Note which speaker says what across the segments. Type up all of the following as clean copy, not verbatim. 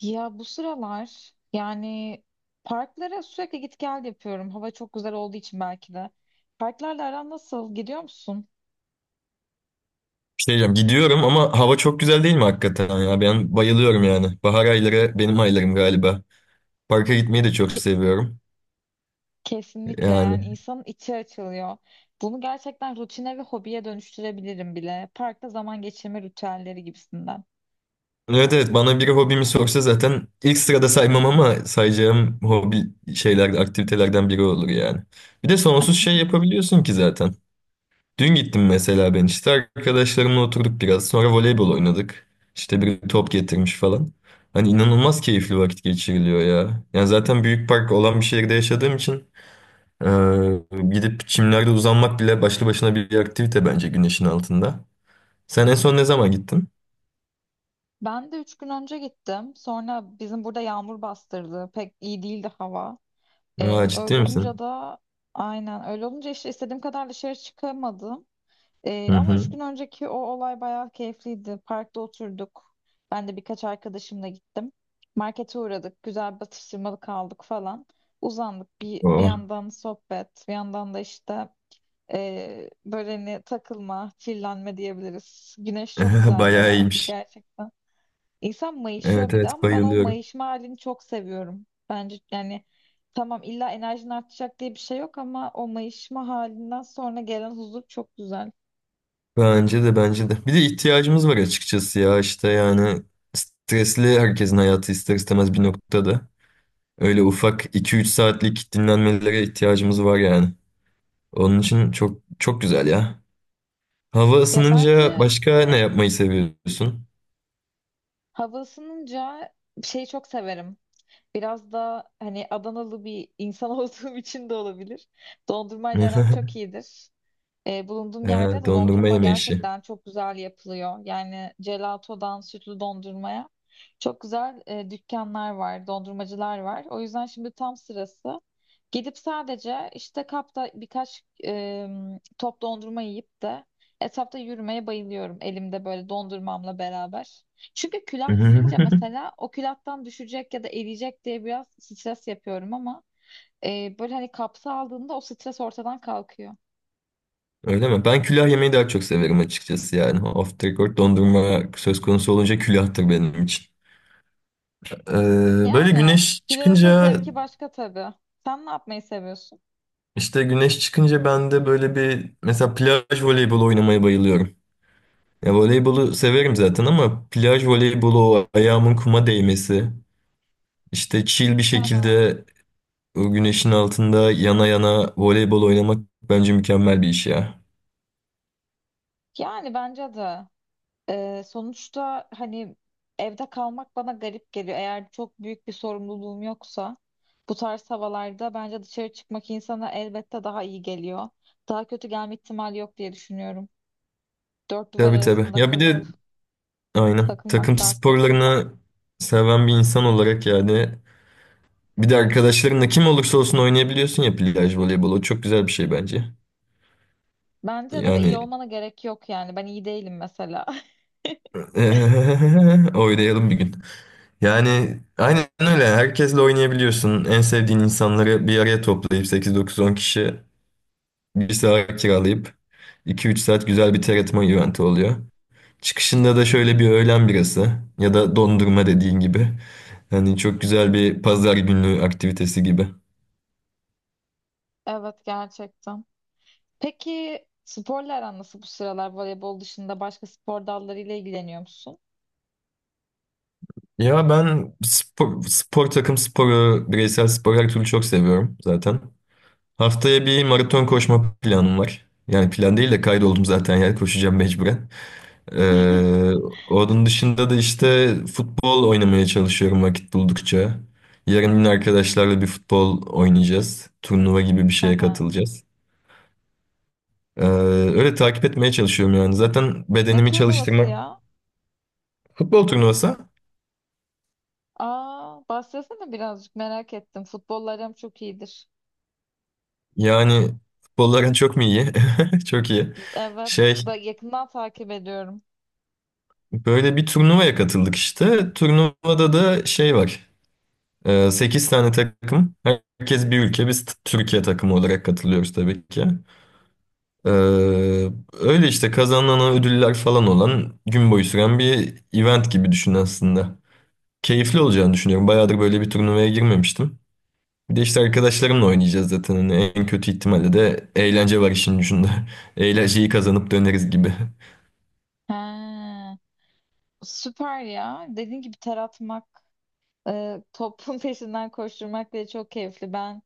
Speaker 1: Ya bu sıralar yani parklara sürekli git gel yapıyorum. Hava çok güzel olduğu için belki de. Parklarla aran nasıl? Gidiyor musun?
Speaker 2: Bir şey diyeceğim, gidiyorum ama hava çok güzel değil mi hakikaten ya? Ben bayılıyorum yani. Bahar ayları benim aylarım galiba. Parka gitmeyi de çok
Speaker 1: Ke-
Speaker 2: seviyorum.
Speaker 1: kesinlikle yani
Speaker 2: Yani
Speaker 1: insanın içi açılıyor. Bunu gerçekten rutine ve hobiye dönüştürebilirim bile. Parkta zaman geçirme ritüelleri gibisinden.
Speaker 2: evet evet bana biri hobimi sorsa zaten ilk sırada saymam ama sayacağım hobi şeyler, aktivitelerden biri olur yani. Bir de sonsuz şey yapabiliyorsun ki zaten. Dün gittim mesela ben işte arkadaşlarımla oturduk biraz. Sonra voleybol oynadık. İşte biri top getirmiş falan. Hani inanılmaz keyifli vakit geçiriliyor ya. Yani zaten büyük park olan bir şehirde yaşadığım için Ee, gidip çimlerde uzanmak bile başlı başına bir aktivite bence güneşin altında. Sen en son ne zaman gittin?
Speaker 1: Ben de 3 gün önce gittim. Sonra bizim burada yağmur bastırdı. Pek iyi değildi hava.
Speaker 2: Aa,
Speaker 1: Öyle
Speaker 2: ciddi misin?
Speaker 1: olunca da aynen öyle olunca işte istediğim kadar dışarı çıkamadım.
Speaker 2: Hı
Speaker 1: Ama üç
Speaker 2: hı.
Speaker 1: gün önceki o olay bayağı keyifliydi. Parkta oturduk. Ben de birkaç arkadaşımla gittim. Markete uğradık. Güzel bir atıştırmalık aldık falan. Uzandık. Bir
Speaker 2: Oo.
Speaker 1: yandan sohbet, bir yandan da böyle hani takılma, chillenme diyebiliriz. Güneş çok güzeldi
Speaker 2: Bayağı
Speaker 1: ya
Speaker 2: iyiymiş.
Speaker 1: gerçekten. İnsan mayışıyor
Speaker 2: Evet
Speaker 1: bir de
Speaker 2: evet
Speaker 1: ama ben o
Speaker 2: bayılıyorum.
Speaker 1: mayışma halini çok seviyorum. Bence yani tamam illa enerjin artacak diye bir şey yok ama o mayışma halinden sonra gelen huzur çok güzel.
Speaker 2: Bence de bence de. Bir de ihtiyacımız var açıkçası ya işte yani stresli herkesin hayatı ister istemez bir noktada. Öyle ufak iki üç saatlik dinlenmelere ihtiyacımız var yani. Onun için çok çok güzel ya. Hava
Speaker 1: Ya
Speaker 2: ısınınca
Speaker 1: bence
Speaker 2: başka ne yapmayı seviyorsun?
Speaker 1: hava ısınınca şeyi çok severim. Biraz da hani Adanalı bir insan olduğum için de olabilir. Dondurmayla aram çok iyidir. E, bulunduğum
Speaker 2: He,
Speaker 1: yerde de
Speaker 2: dondurma
Speaker 1: dondurma
Speaker 2: yeme işi.
Speaker 1: gerçekten çok güzel yapılıyor. Yani gelatodan sütlü dondurmaya çok güzel dükkanlar var, dondurmacılar var. O yüzden şimdi tam sırası. Gidip sadece işte kapta birkaç top dondurma yiyip de etrafta yürümeye bayılıyorum elimde böyle dondurmamla beraber. Çünkü külah yiyince mesela o külahtan düşecek ya da eriyecek diye biraz stres yapıyorum ama böyle hani kapsa aldığında o stres ortadan kalkıyor.
Speaker 2: Öyle mi? Ben külah yemeyi daha çok severim açıkçası yani. Off the record dondurma söz konusu olunca külahtır benim için. Ee, böyle
Speaker 1: Yani
Speaker 2: güneş
Speaker 1: külahın da
Speaker 2: çıkınca
Speaker 1: zevki başka tabii. Sen ne yapmayı seviyorsun?
Speaker 2: işte güneş çıkınca ben de böyle bir mesela plaj voleybolu oynamaya bayılıyorum. Ya voleybolu severim zaten ama plaj voleybolu o ayağımın kuma değmesi işte chill bir
Speaker 1: Hı hı.
Speaker 2: şekilde o güneşin altında yana yana voleybol oynamak bence mükemmel bir iş ya.
Speaker 1: Yani bence de sonuçta hani evde kalmak bana garip geliyor. Eğer çok büyük bir sorumluluğum yoksa bu tarz havalarda bence dışarı çıkmak insana elbette daha iyi geliyor. Daha kötü gelme ihtimali yok diye düşünüyorum. Dört duvar
Speaker 2: Tabii tabii.
Speaker 1: arasında
Speaker 2: Ya bir
Speaker 1: kalıp
Speaker 2: de aynen takım
Speaker 1: takılmak daha kötü.
Speaker 2: sporlarını seven bir insan olarak yani bir de arkadaşlarınla kim olursa olsun oynayabiliyorsun ya plaj voleybolu. O çok güzel bir şey bence.
Speaker 1: Bence de ve iyi
Speaker 2: Yani
Speaker 1: olmana gerek yok yani. Ben iyi değilim mesela.
Speaker 2: oynayalım bir gün. Yani aynen öyle. Herkesle oynayabiliyorsun. En sevdiğin insanları bir araya toplayıp sekiz dokuz on kişi bir saat kiralayıp iki üç saat güzel bir terletme eventi oluyor. Çıkışında da şöyle bir öğlen birası ya da dondurma dediğin gibi. Yani çok güzel bir pazar günü aktivitesi gibi.
Speaker 1: Evet gerçekten. Peki sporla aran nasıl bu sıralar, voleybol dışında başka spor dallarıyla ilgileniyor musun?
Speaker 2: Ya ben spor, spor takım sporu, bireysel spor her türlü çok seviyorum zaten. Haftaya bir maraton koşma planım var. Yani plan değil de kaydoldum zaten yani koşacağım mecburen. Ee, onun dışında da işte futbol oynamaya çalışıyorum vakit buldukça. Yarın yine arkadaşlarla bir futbol oynayacağız. Turnuva gibi bir
Speaker 1: Hı
Speaker 2: şeye
Speaker 1: hı.
Speaker 2: katılacağız. Öyle takip etmeye çalışıyorum yani. Zaten
Speaker 1: Ne
Speaker 2: bedenimi
Speaker 1: turnuvası
Speaker 2: çalıştırmak
Speaker 1: ya?
Speaker 2: futbol turnuvası.
Speaker 1: Aa, bahsetsene birazcık merak ettim. Futbollarım çok iyidir.
Speaker 2: Yani futbolların çok mu iyi? Çok iyi.
Speaker 1: Evet,
Speaker 2: Şey
Speaker 1: da yakından takip ediyorum.
Speaker 2: böyle bir turnuvaya katıldık işte. Turnuvada da şey var. Sekiz tane takım. Herkes bir ülke. Biz Türkiye takımı olarak katılıyoruz tabii ki. Ee, öyle işte kazanılan ödüller falan olan gün boyu süren bir event gibi düşün aslında. Keyifli olacağını düşünüyorum. Bayağıdır böyle bir turnuvaya girmemiştim. Bir de işte arkadaşlarımla oynayacağız zaten. Hani en kötü ihtimalle de eğlence var işin ucunda. Eğlenceyi kazanıp döneriz gibi.
Speaker 1: Ha, süper ya. Dediğin gibi ter atmak, topun peşinden koşturmak bile çok keyifli. Ben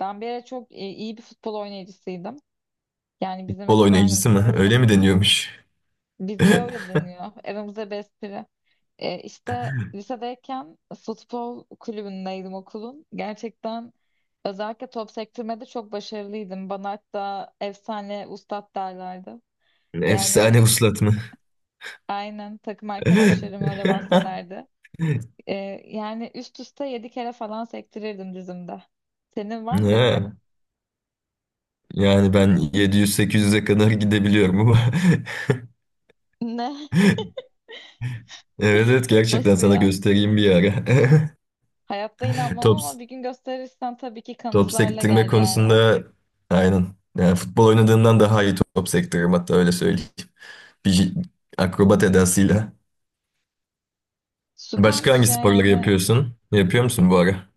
Speaker 1: ben bir ara iyi bir futbol oynayıcısıydım. Yani bizim
Speaker 2: Futbol
Speaker 1: eskiden
Speaker 2: oynayıcısı mı?
Speaker 1: kız
Speaker 2: Öyle mi deniyormuş?
Speaker 1: bizde öyle deniyor. Aramızda bir espri. E, işte lisedeyken futbol kulübündeydim okulun. Gerçekten özellikle top sektirmede çok başarılıydım. Bana hatta efsane ustad derlerdi. Yani
Speaker 2: Efsane uslat mı?
Speaker 1: aynen, takım arkadaşlarım öyle bahsederdi. Ee, Yani üst üste 7 kere falan sektirirdim dizimde. Senin var mı
Speaker 2: Ha,
Speaker 1: rekorun?
Speaker 2: yani ben 700-800'e kadar gidebiliyorum ama.
Speaker 1: Ne?
Speaker 2: Evet evet gerçekten
Speaker 1: Nasıl
Speaker 2: sana
Speaker 1: ya?
Speaker 2: göstereyim bir ara.
Speaker 1: Hayatta inanmam
Speaker 2: Top,
Speaker 1: ama bir gün gösterirsen tabii ki
Speaker 2: top
Speaker 1: kanıtlarla
Speaker 2: sektirme
Speaker 1: gel yani.
Speaker 2: konusunda aynen. Yani futbol oynadığından daha iyi top sektiririm hatta öyle söyleyeyim. Bir akrobat edasıyla. Başka
Speaker 1: Süpermiş
Speaker 2: hangi
Speaker 1: ya
Speaker 2: sporları
Speaker 1: yani.
Speaker 2: yapıyorsun? Yapıyor musun bu ara?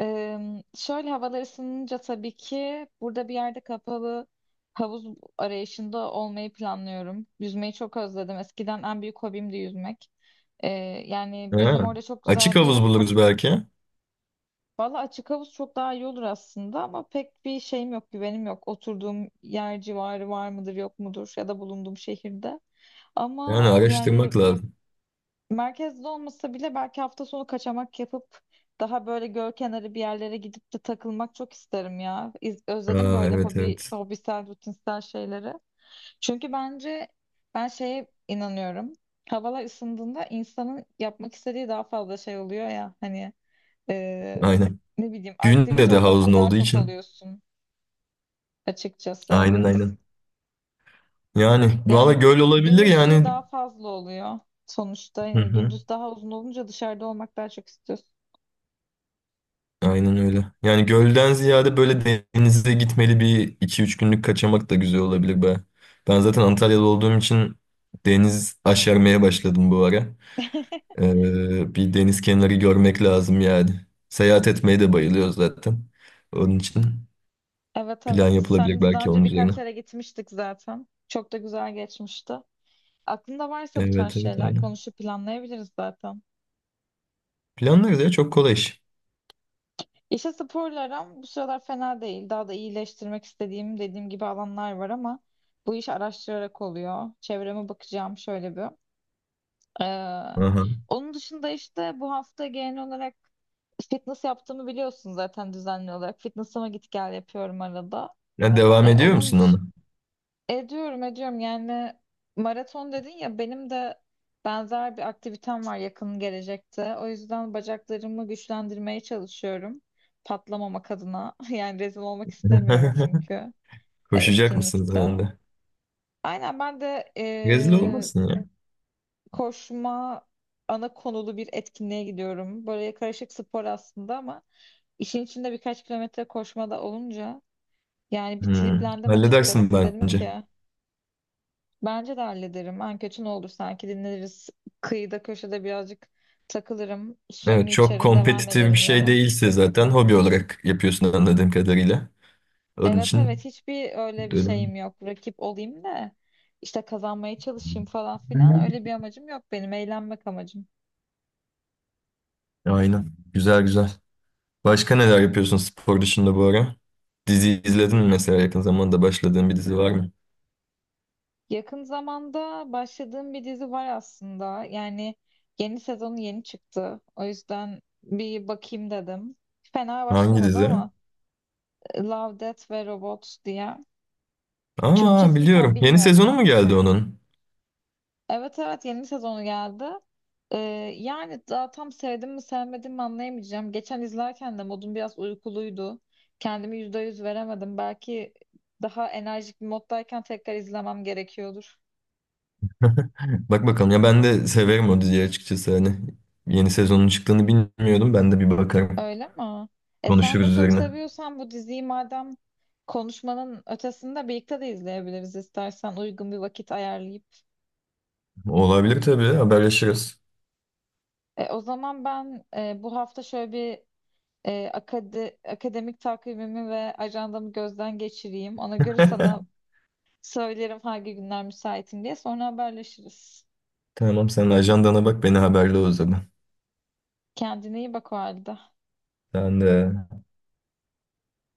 Speaker 1: Ee, Şöyle havalar ısınınca tabii ki burada bir yerde kapalı havuz arayışında olmayı planlıyorum. Yüzmeyi çok özledim. Eskiden en büyük hobimdi yüzmek. Ee, Yani bizim
Speaker 2: Ha,
Speaker 1: orada çok
Speaker 2: açık
Speaker 1: güzel
Speaker 2: havuz
Speaker 1: bir
Speaker 2: buluruz belki.
Speaker 1: valla açık havuz çok daha iyi olur aslında ama pek bir şeyim yok, güvenim yok. Oturduğum yer civarı var mıdır, yok mudur ya da bulunduğum şehirde.
Speaker 2: Yani
Speaker 1: Ama yani
Speaker 2: araştırmak lazım.
Speaker 1: merkezde olmasa bile belki hafta sonu kaçamak yapıp daha böyle göl kenarı bir yerlere gidip de takılmak çok isterim ya. Özledim
Speaker 2: Aa,
Speaker 1: böyle
Speaker 2: evet
Speaker 1: hobi,
Speaker 2: evet.
Speaker 1: hobisel, rutinsel şeyleri. Çünkü bence ben şeye inanıyorum. Havalar ısındığında insanın yapmak istediği daha fazla şey oluyor ya hani ee,
Speaker 2: Aynen.
Speaker 1: ne bileyim
Speaker 2: Günde
Speaker 1: aktivite
Speaker 2: de havuzun
Speaker 1: odaklı daha
Speaker 2: olduğu
Speaker 1: çok
Speaker 2: için.
Speaker 1: oluyorsun açıkçası
Speaker 2: Aynen
Speaker 1: evet.
Speaker 2: aynen. Yani valla
Speaker 1: Yani
Speaker 2: göl
Speaker 1: gün
Speaker 2: olabilir
Speaker 1: ışığı
Speaker 2: yani.
Speaker 1: daha fazla oluyor sonuçta.
Speaker 2: Hı
Speaker 1: Yani
Speaker 2: hı.
Speaker 1: gündüz daha uzun olunca dışarıda olmak daha çok istiyorsun.
Speaker 2: Aynen öyle. Yani gölden ziyade böyle denize gitmeli bir iki üç günlük kaçamak da güzel olabilir be. Ben zaten Antalya'da olduğum için deniz aşermeye başladım bu ara. Bir deniz kenarı görmek lazım yani. Seyahat etmeyi de bayılıyor zaten. Onun için
Speaker 1: Evet,
Speaker 2: plan
Speaker 1: evet.
Speaker 2: yapılabilir
Speaker 1: Seninle de daha
Speaker 2: belki
Speaker 1: önce
Speaker 2: onun üzerine.
Speaker 1: birkaç yere gitmiştik zaten. Çok da güzel geçmişti. Aklında varsa bu tarz
Speaker 2: Evet evet
Speaker 1: şeyler
Speaker 2: aynen.
Speaker 1: konuşup planlayabiliriz zaten.
Speaker 2: Planlarız ya çok kolay iş.
Speaker 1: İşte sporla aram bu sıralar fena değil. Daha da iyileştirmek istediğim dediğim gibi alanlar var ama bu iş araştırarak oluyor. Çevreme bakacağım şöyle bir. Ee,
Speaker 2: Aha.
Speaker 1: Onun dışında işte bu hafta genel olarak fitness yaptığımı biliyorsun zaten düzenli olarak. Fitness'ıma git gel yapıyorum arada.
Speaker 2: Ya devam
Speaker 1: E,
Speaker 2: ediyor
Speaker 1: onun
Speaker 2: musun
Speaker 1: dış
Speaker 2: ona?
Speaker 1: Ediyorum yani maraton dedin ya benim de benzer bir aktivitem var yakın gelecekte. O yüzden bacaklarımı güçlendirmeye çalışıyorum. Patlamamak adına. Yani rezil olmak istemiyorum çünkü
Speaker 2: Koşacak mısın
Speaker 1: etkinlikte.
Speaker 2: sen de?
Speaker 1: Aynen, ben de
Speaker 2: Rezil olmasın ya.
Speaker 1: koşma ana konulu bir etkinliğe gidiyorum. Böyle karışık spor aslında ama işin içinde birkaç kilometre koşma da olunca yani bir
Speaker 2: Hmm,
Speaker 1: triplendim
Speaker 2: halledersin
Speaker 1: açıkçası. Dedim
Speaker 2: bence.
Speaker 1: ki bence de hallederim. En kötü ne olur, sanki dinleniriz. Kıyıda köşede birazcık takılırım.
Speaker 2: Evet
Speaker 1: Suyumu
Speaker 2: çok
Speaker 1: içerim, devam
Speaker 2: kompetitif bir
Speaker 1: ederim
Speaker 2: şey
Speaker 1: yola.
Speaker 2: değilse zaten hobi olarak yapıyorsun anladığım kadarıyla. Onun
Speaker 1: Evet,
Speaker 2: için
Speaker 1: evet, hiçbir öyle bir
Speaker 2: önemli.
Speaker 1: şeyim yok. Rakip olayım da işte kazanmaya çalışayım falan filan öyle bir amacım yok benim. Eğlenmek amacım.
Speaker 2: Aynen. Güzel güzel. Başka neler yapıyorsun spor dışında bu ara? Dizi izledin mi mesela yakın zamanda başladığın bir dizi var mı?
Speaker 1: Yakın zamanda başladığım bir dizi var aslında. Yani yeni sezonu yeni çıktı. O yüzden bir bakayım dedim. Fena
Speaker 2: Hangi
Speaker 1: başlamadı
Speaker 2: dizi?
Speaker 1: ama Love, Death ve Robots diye.
Speaker 2: Aa
Speaker 1: Türkçesini tam
Speaker 2: biliyorum. Yeni
Speaker 1: bilmiyorum.
Speaker 2: sezonu mu geldi onun?
Speaker 1: Evet, evet, yeni sezonu geldi. Ee, Yani daha tam sevdim mi sevmedim mi anlayamayacağım. Geçen izlerken de modum biraz uykuluydu. Kendimi %100 veremedim. Belki daha enerjik bir moddayken tekrar izlemem gerekiyordur.
Speaker 2: Bak bakalım ya ben de severim o diziyi açıkçası hani. Yeni sezonun çıktığını bilmiyordum. Ben de bir bakarım.
Speaker 1: Öyle mi? E, sen
Speaker 2: Konuşuruz
Speaker 1: de çok
Speaker 2: üzerine.
Speaker 1: seviyorsan bu diziyi, madem konuşmanın ötesinde birlikte de izleyebiliriz istersen uygun bir vakit ayarlayıp.
Speaker 2: Olabilir tabii. Haberleşiriz.
Speaker 1: O zaman ben bu hafta şöyle bir akademik takvimimi ve ajandamı gözden geçireyim. Ona göre sana söylerim hangi günler müsaitim diye. Sonra haberleşiriz.
Speaker 2: Tamam sen ajandana bak beni haberle o zaman.
Speaker 1: Kendine iyi bak o halde.
Speaker 2: Sen de